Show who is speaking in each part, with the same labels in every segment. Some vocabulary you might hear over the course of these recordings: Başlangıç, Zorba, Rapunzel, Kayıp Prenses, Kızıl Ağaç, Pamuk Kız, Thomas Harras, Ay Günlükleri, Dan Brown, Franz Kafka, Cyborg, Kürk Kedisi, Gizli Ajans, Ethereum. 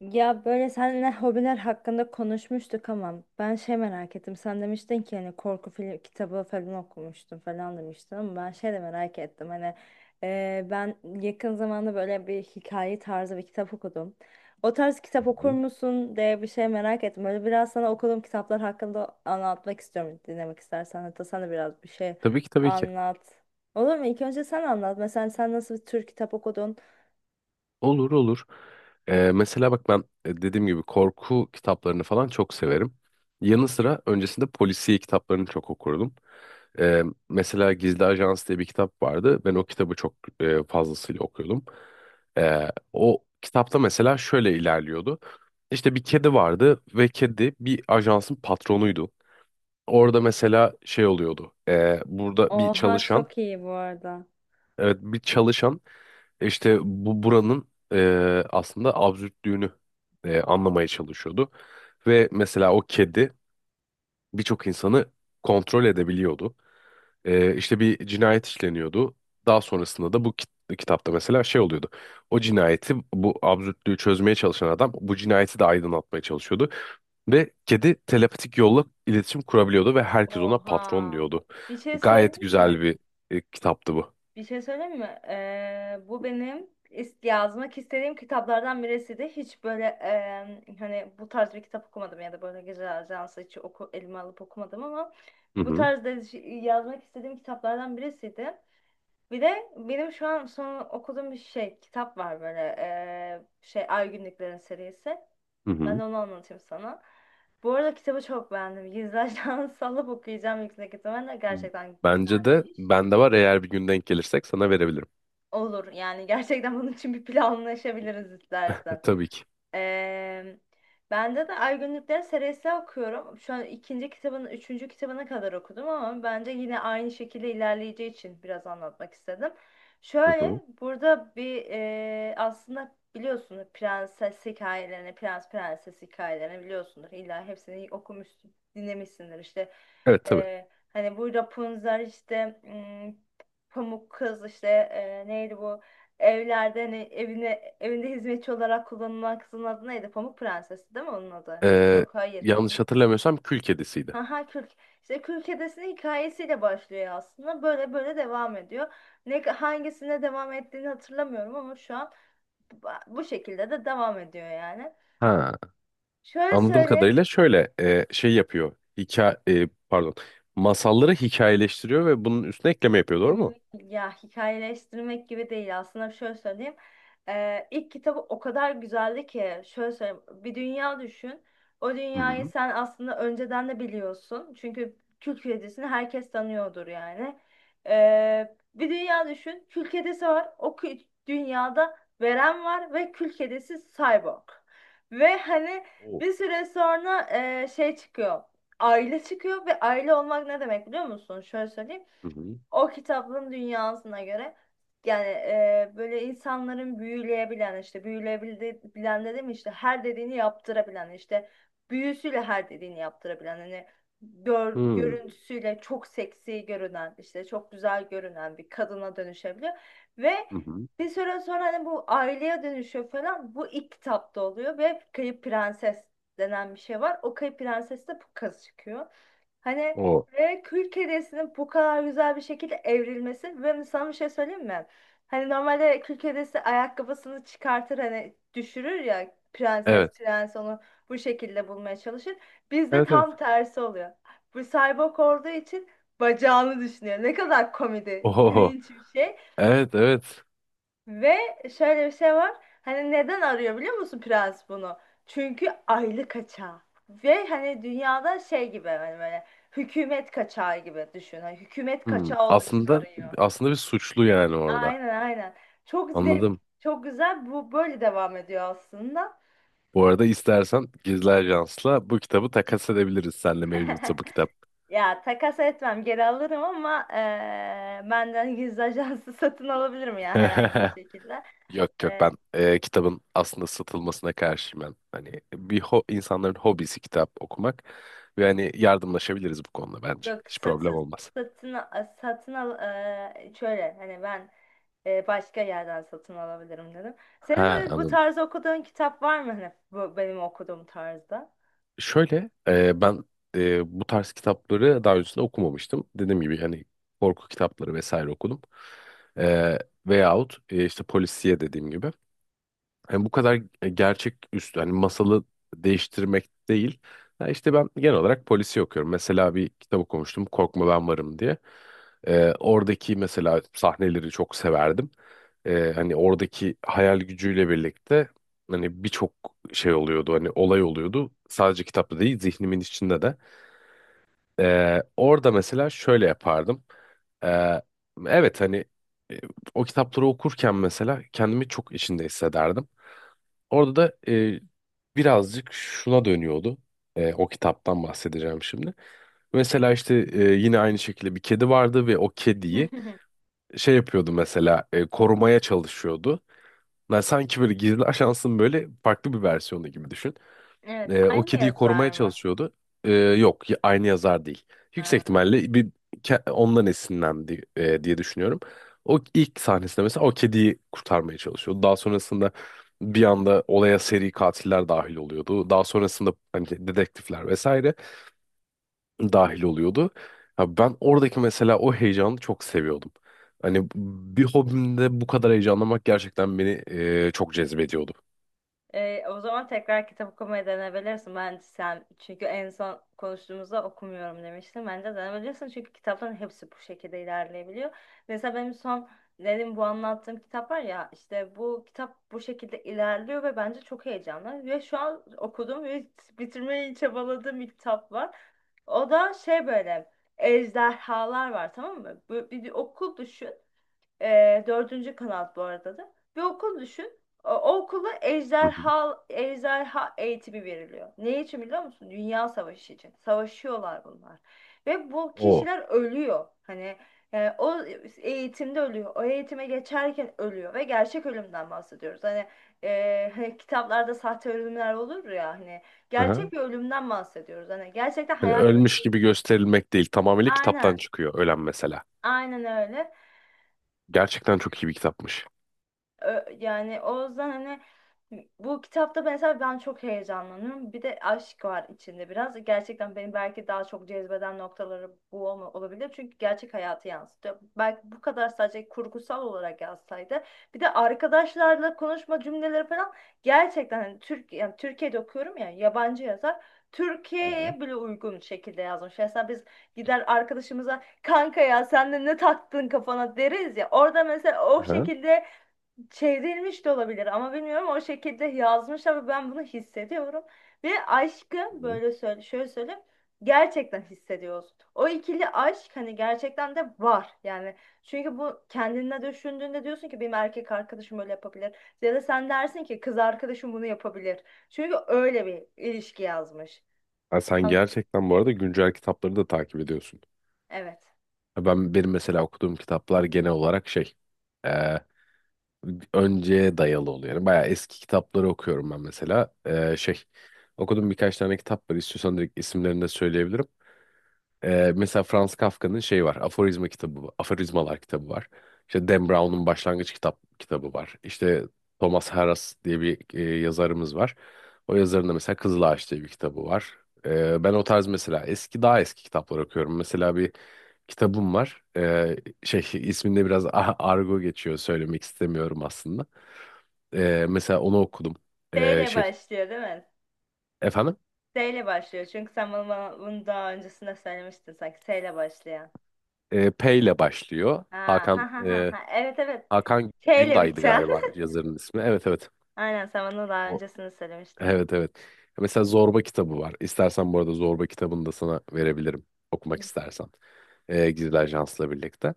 Speaker 1: Ya böyle seninle hobiler hakkında konuşmuştuk ama ben şey merak ettim. Sen demiştin ki hani korku film kitabı falan okumuştum falan demiştin ama ben şey de merak ettim. Hani ben yakın zamanda böyle bir hikaye tarzı bir kitap okudum. O tarz kitap okur
Speaker 2: Hı.
Speaker 1: musun diye bir şey merak ettim. Böyle biraz sana okuduğum kitaplar hakkında anlatmak istiyorum dinlemek istersen. Hatta sen de biraz bir şey
Speaker 2: Tabii ki, tabii ki.
Speaker 1: anlat. Olur mu? İlk önce sen anlat. Mesela sen nasıl bir tür kitap okudun?
Speaker 2: Olur, olur. Mesela bak ben dediğim gibi korku kitaplarını falan çok severim. Yanı sıra öncesinde polisiye kitaplarını çok okurdum. Ee, Mesela Gizli Ajans diye bir kitap vardı. Ben o kitabı çok fazlasıyla okuyordum. O kitapta mesela şöyle ilerliyordu. İşte bir kedi vardı ve kedi bir ajansın patronuydu. Orada mesela şey oluyordu. Burada bir
Speaker 1: Oha,
Speaker 2: çalışan
Speaker 1: çok iyi bu arada.
Speaker 2: evet bir çalışan işte buranın aslında absürtlüğünü anlamaya çalışıyordu. Ve mesela o kedi birçok insanı kontrol edebiliyordu. İşte bir cinayet işleniyordu. Daha sonrasında da bu kitapta mesela şey oluyordu. O cinayeti bu absürtlüğü çözmeye çalışan adam bu cinayeti de aydınlatmaya çalışıyordu. Ve kedi telepatik yolla iletişim kurabiliyordu ve herkes ona patron
Speaker 1: Oha.
Speaker 2: diyordu.
Speaker 1: Bir şey
Speaker 2: Gayet
Speaker 1: söyleyeyim
Speaker 2: güzel
Speaker 1: mi?
Speaker 2: bir kitaptı bu.
Speaker 1: Bir şey söyleyeyim mi? Bu benim yazmak istediğim kitaplardan birisiydi. Hiç böyle hani bu tarz bir kitap okumadım ya da böyle gece ajansı hiç elime alıp okumadım ama
Speaker 2: Hı
Speaker 1: bu
Speaker 2: hı.
Speaker 1: tarz yazmak istediğim kitaplardan birisiydi. Bir de benim şu an son okuduğum bir şey kitap var böyle şey Ay Günlüklerin serisi.
Speaker 2: Hı
Speaker 1: Ben
Speaker 2: hı.
Speaker 1: de onu anlatayım sana. Bu arada kitabı çok beğendim. Gizlerden sallıp okuyacağım yüksek ihtimalle. Gerçekten
Speaker 2: Bence de
Speaker 1: güzelmiş.
Speaker 2: bende var, eğer bir gün denk gelirsek sana verebilirim.
Speaker 1: Olur yani, gerçekten bunun için bir planlaşabiliriz istersen.
Speaker 2: Tabii ki.
Speaker 1: Eee Bende de Ay Günlükleri serisi okuyorum. Şu an ikinci kitabının, üçüncü kitabına kadar okudum ama bence yine aynı şekilde ilerleyeceği için biraz anlatmak istedim.
Speaker 2: Hı
Speaker 1: Şöyle
Speaker 2: hı.
Speaker 1: burada bir aslında biliyorsunuz prenses hikayelerini, prens prenses hikayelerini biliyorsunuz. İlla hepsini okumuşsun, dinlemişsindir işte.
Speaker 2: Evet, tabii.
Speaker 1: Hani bu Rapunzel işte, Pamuk Kız işte, neydi bu? Evlerde hani evinde hizmetçi olarak kullanılan kızın adı neydi? Pamuk Prensesi değil mi onun adı?
Speaker 2: Ee,
Speaker 1: Yok, hayır.
Speaker 2: Yanlış hatırlamıyorsam kül kedisiydi.
Speaker 1: Haha, Kürk. İşte Kürk Kedisi'nin hikayesiyle başlıyor aslında. Böyle böyle devam ediyor. Ne hangisine devam ettiğini hatırlamıyorum ama şu an bu şekilde de devam ediyor yani.
Speaker 2: Ha,
Speaker 1: Şöyle
Speaker 2: anladığım
Speaker 1: söyleyeyim.
Speaker 2: kadarıyla şöyle şey yapıyor. Hikaye, pardon. Masalları hikayeleştiriyor ve bunun üstüne ekleme yapıyor, doğru mu?
Speaker 1: Ya hikayeleştirmek gibi değil aslında, şöyle söyleyeyim. İlk kitabı o kadar güzeldi ki şöyle söyleyeyim. Bir dünya düşün. O
Speaker 2: Hı
Speaker 1: dünyayı
Speaker 2: hı.
Speaker 1: sen aslında önceden de biliyorsun. Çünkü kül kedisini herkes tanıyordur yani. Bir dünya düşün. Kül kedisi var. O kül dünyada Veren var ve kül kedisi Cyborg. Ve hani
Speaker 2: O.
Speaker 1: bir süre sonra şey çıkıyor. Aile çıkıyor ve aile olmak ne demek biliyor musun? Şöyle söyleyeyim,
Speaker 2: Hı hı.
Speaker 1: o kitabın dünyasına göre yani, böyle insanların büyüleyebilen işte, büyüleyebilen dedim, işte her dediğini yaptırabilen, işte büyüsüyle her dediğini yaptırabilen, hani
Speaker 2: Hı
Speaker 1: görüntüsüyle çok seksi görünen, işte çok güzel görünen bir kadına dönüşebiliyor ve
Speaker 2: hı. hı.
Speaker 1: bir süre sonra hani bu aileye dönüşüyor falan, bu ilk kitapta oluyor ve Kayıp Prenses denen bir şey var, o Kayıp Prenses de bu kız çıkıyor. Hani
Speaker 2: O.
Speaker 1: ve kül kedisinin bu kadar güzel bir şekilde evrilmesi, ve sana bir şey söyleyeyim mi? Hani normalde kül kedisi ayakkabısını çıkartır hani düşürür ya, prenses
Speaker 2: Evet.
Speaker 1: prens onu bu şekilde bulmaya çalışır. Bizde
Speaker 2: Evet, evet.
Speaker 1: tam tersi oluyor. Bu cyborg olduğu için bacağını düşünüyor. Ne kadar komedi,
Speaker 2: Oho.
Speaker 1: cringe bir şey.
Speaker 2: Evet, evet.
Speaker 1: Ve şöyle bir şey var. Hani neden arıyor biliyor musun prens bunu? Çünkü aylık kaçağı. Ve hani dünyada şey gibi, hani böyle hükümet kaçağı gibi düşün. Hani hükümet
Speaker 2: Hmm.
Speaker 1: kaçağı olduğu için
Speaker 2: Aslında
Speaker 1: arıyor.
Speaker 2: aslında bir suçlu yani orada.
Speaker 1: Aynen, aynen. Çok zevk,
Speaker 2: Anladım.
Speaker 1: çok güzel. Bu böyle devam ediyor aslında.
Speaker 2: Bu arada istersen Gizli Ajans'la bu kitabı takas edebiliriz senle, mevcutsa bu kitap.
Speaker 1: Ya takas etmem, geri alırım ama benden gizli ajansı satın alabilirim ya herhangi bir şekilde.
Speaker 2: Yok, yok, ben kitabın aslında satılmasına karşıyım ben. Hani bir ho insanların hobisi kitap okumak ve hani yardımlaşabiliriz bu konuda bence.
Speaker 1: Yok,
Speaker 2: Hiç problem
Speaker 1: satın
Speaker 2: olmaz.
Speaker 1: satın satın al, şöyle hani ben başka yerden satın alabilirim dedim. Senin
Speaker 2: Ha,
Speaker 1: böyle bu
Speaker 2: anladım.
Speaker 1: tarz okuduğun kitap var mı, hani bu benim okuduğum tarzda?
Speaker 2: Şöyle ben bu tarz kitapları daha öncesinde okumamıştım. Dediğim gibi hani korku kitapları vesaire okudum. E, Veyahut işte polisiye dediğim gibi. Yani bu kadar gerçek üstü hani masalı değiştirmek değil. Ha, işte ben genel olarak polisi okuyorum. Mesela bir kitap okumuştum, Korkma Ben Varım diye. Oradaki mesela sahneleri çok severdim. Hani oradaki hayal gücüyle birlikte hani birçok şey oluyordu, hani olay oluyordu. Sadece kitapta değil zihnimin içinde de. Orada mesela şöyle yapardım. Ee, evet hani e, o kitapları okurken mesela kendimi çok içinde hissederdim. Orada da birazcık şuna dönüyordu. O kitaptan bahsedeceğim şimdi. Mesela işte yine aynı şekilde bir kedi vardı ve o kediyi şey yapıyordu mesela, korumaya çalışıyordu. Yani sanki böyle gizli ajansın böyle farklı bir versiyonu gibi düşün.
Speaker 1: Evet,
Speaker 2: O
Speaker 1: aynı
Speaker 2: kediyi korumaya
Speaker 1: yazar mı?
Speaker 2: çalışıyordu. Yok, aynı yazar değil. Yüksek
Speaker 1: Ha.
Speaker 2: ihtimalle bir ondan esinlendi diye düşünüyorum. O ilk sahnesinde mesela o kediyi kurtarmaya çalışıyordu. Daha sonrasında bir anda olaya seri katiller dahil oluyordu. Daha sonrasında hani dedektifler vesaire dahil oluyordu. Ya ben oradaki mesela o heyecanı çok seviyordum. Hani bir hobimde bu kadar heyecanlamak gerçekten beni çok cezbediyordu.
Speaker 1: O zaman tekrar kitap okumaya denebilirsin bence sen. Çünkü en son konuştuğumuzda okumuyorum demiştin. Bence denebilirsin çünkü kitapların hepsi bu şekilde ilerleyebiliyor. Mesela benim son dedim, bu anlattığım kitap var ya, işte bu kitap bu şekilde ilerliyor ve bence çok heyecanlı. Ve şu an okudum ve bitirmeyi çabaladığım bir kitap var. O da şey, böyle ejderhalar var, tamam mı? Bir okul düşün. Dördüncü kanal bu arada da. Bir okul düşün. O okula
Speaker 2: Hı hı.
Speaker 1: ejderha eğitimi veriliyor. Ne için biliyor musun? Dünya savaşı için. Savaşıyorlar bunlar. Ve bu
Speaker 2: O.
Speaker 1: kişiler ölüyor. Hani o eğitimde ölüyor. O eğitime geçerken ölüyor. Ve gerçek ölümden bahsediyoruz. Hani kitaplarda sahte ölümler olur ya. Hani gerçek bir ölümden bahsediyoruz. Hani gerçekten
Speaker 2: Hani
Speaker 1: hayatını...
Speaker 2: ölmüş gibi gösterilmek değil. Tamamıyla kitaptan
Speaker 1: Aynen.
Speaker 2: çıkıyor ölen mesela.
Speaker 1: Aynen öyle.
Speaker 2: Gerçekten çok iyi bir kitapmış.
Speaker 1: Yani o yüzden hani bu kitapta mesela ben çok heyecanlanıyorum. Bir de aşk var içinde biraz. Gerçekten beni belki daha çok cezbeden noktaları bu olabilir. Çünkü gerçek hayatı yansıtıyor. Belki bu kadar sadece kurgusal olarak yazsaydı. Bir de arkadaşlarla konuşma cümleleri falan gerçekten hani Türk, yani Türkiye'de okuyorum ya, yabancı yazar.
Speaker 2: Hı hı.
Speaker 1: Türkiye'ye bile uygun şekilde yazmış. Mesela biz gider arkadaşımıza kanka ya sen de ne taktın kafana deriz ya. Orada mesela o
Speaker 2: Aha.
Speaker 1: şekilde çevrilmiş de olabilir, ama bilmiyorum, o şekilde yazmış ama ben bunu hissediyorum ve aşkı
Speaker 2: Hı hı.
Speaker 1: böyle şöyle söyleyeyim, gerçekten hissediyoruz. O ikili aşk hani gerçekten de var yani, çünkü bu kendine düşündüğünde diyorsun ki benim erkek arkadaşım böyle yapabilir ya da sen dersin ki kız arkadaşım bunu yapabilir, çünkü öyle bir ilişki yazmış.
Speaker 2: Ha, sen
Speaker 1: An-
Speaker 2: gerçekten bu arada güncel kitapları da takip ediyorsun.
Speaker 1: evet.
Speaker 2: Ha, benim mesela okuduğum kitaplar genel olarak şey e, önceye dayalı oluyor. Yani bayağı eski kitapları okuyorum ben mesela. Şey, okudum birkaç tane kitap var. İstiyorsan direkt isimlerini de söyleyebilirim. Mesela Franz Kafka'nın şey var. Aforizma kitabı, Aforizmalar kitabı var. İşte Dan Brown'un Başlangıç kitabı var. İşte Thomas Harras diye bir yazarımız var. O yazarın da mesela Kızıl Ağaç diye bir kitabı var. Ben o tarz mesela daha eski kitaplar okuyorum. Mesela bir kitabım var. Şey isminde biraz argo geçiyor, söylemek istemiyorum aslında. Mesela onu okudum.
Speaker 1: S ile
Speaker 2: Şey,
Speaker 1: başlıyor değil mi?
Speaker 2: efendim?
Speaker 1: S ile başlıyor çünkü sen bana bunu daha öncesinde söylemiştin sanki S ile başlayan.
Speaker 2: P ile başlıyor.
Speaker 1: Ha. Evet, evet.
Speaker 2: Hakan
Speaker 1: Şeyle
Speaker 2: Günday'dı
Speaker 1: biten.
Speaker 2: galiba yazarın ismi. Evet, evet.
Speaker 1: Aynen, sen bana daha
Speaker 2: O,
Speaker 1: öncesini söylemiştin.
Speaker 2: evet, evet. Mesela Zorba kitabı var. İstersen bu arada Zorba kitabını da sana verebilirim, okumak istersen. Gizli Ajans'la birlikte.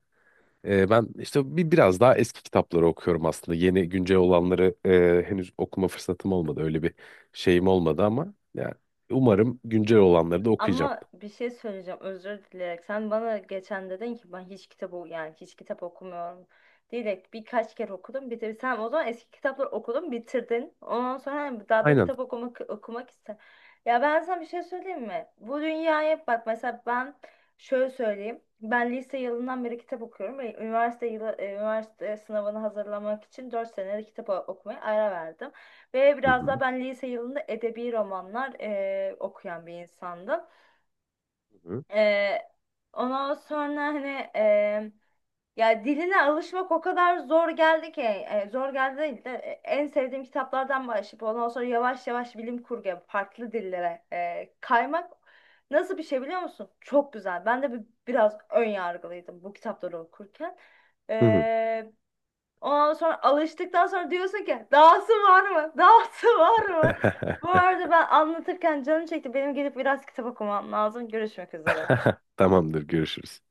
Speaker 2: Ben işte biraz daha eski kitapları okuyorum aslında. Yeni güncel olanları henüz okuma fırsatım olmadı. Öyle bir şeyim olmadı ama yani umarım güncel olanları da okuyacağım.
Speaker 1: Ama bir şey söyleyeceğim özür dileyerek. Sen bana geçen dedin ki ben hiç kitap o, yani hiç kitap okumuyorum. Diyerek birkaç kere okudum bitir. Sen o zaman eski kitapları okudun, bitirdin. Ondan sonra hani daha da
Speaker 2: Aynen.
Speaker 1: kitap okumak ister. Ya ben sana bir şey söyleyeyim mi? Bu dünyaya bak, mesela ben şöyle söyleyeyim. Ben lise yılından beri kitap okuyorum ve üniversite yılı, üniversite sınavını hazırlamak için 4 senelik kitap okumaya ara verdim. Ve
Speaker 2: Hı
Speaker 1: biraz da
Speaker 2: hı.
Speaker 1: ben lise yılında edebi romanlar okuyan bir insandım.
Speaker 2: Hı hı.
Speaker 1: Ee, ondan sonra hani e, ya diline alışmak o kadar zor geldi ki, zor geldi değil de en sevdiğim kitaplardan başlayıp ondan sonra yavaş yavaş bilim kurguya farklı dillere kaymak nasıl bir şey biliyor musun? Çok güzel. Ben de biraz ön yargılıydım bu kitapları okurken.
Speaker 2: Hı hı.
Speaker 1: Ee, ondan sonra alıştıktan sonra diyorsun ki dahası var mı? Dahası var mı? Bu arada ben anlatırken canım çekti. Benim gidip biraz kitap okumam lazım. Görüşmek üzere.
Speaker 2: Tamamdır, görüşürüz.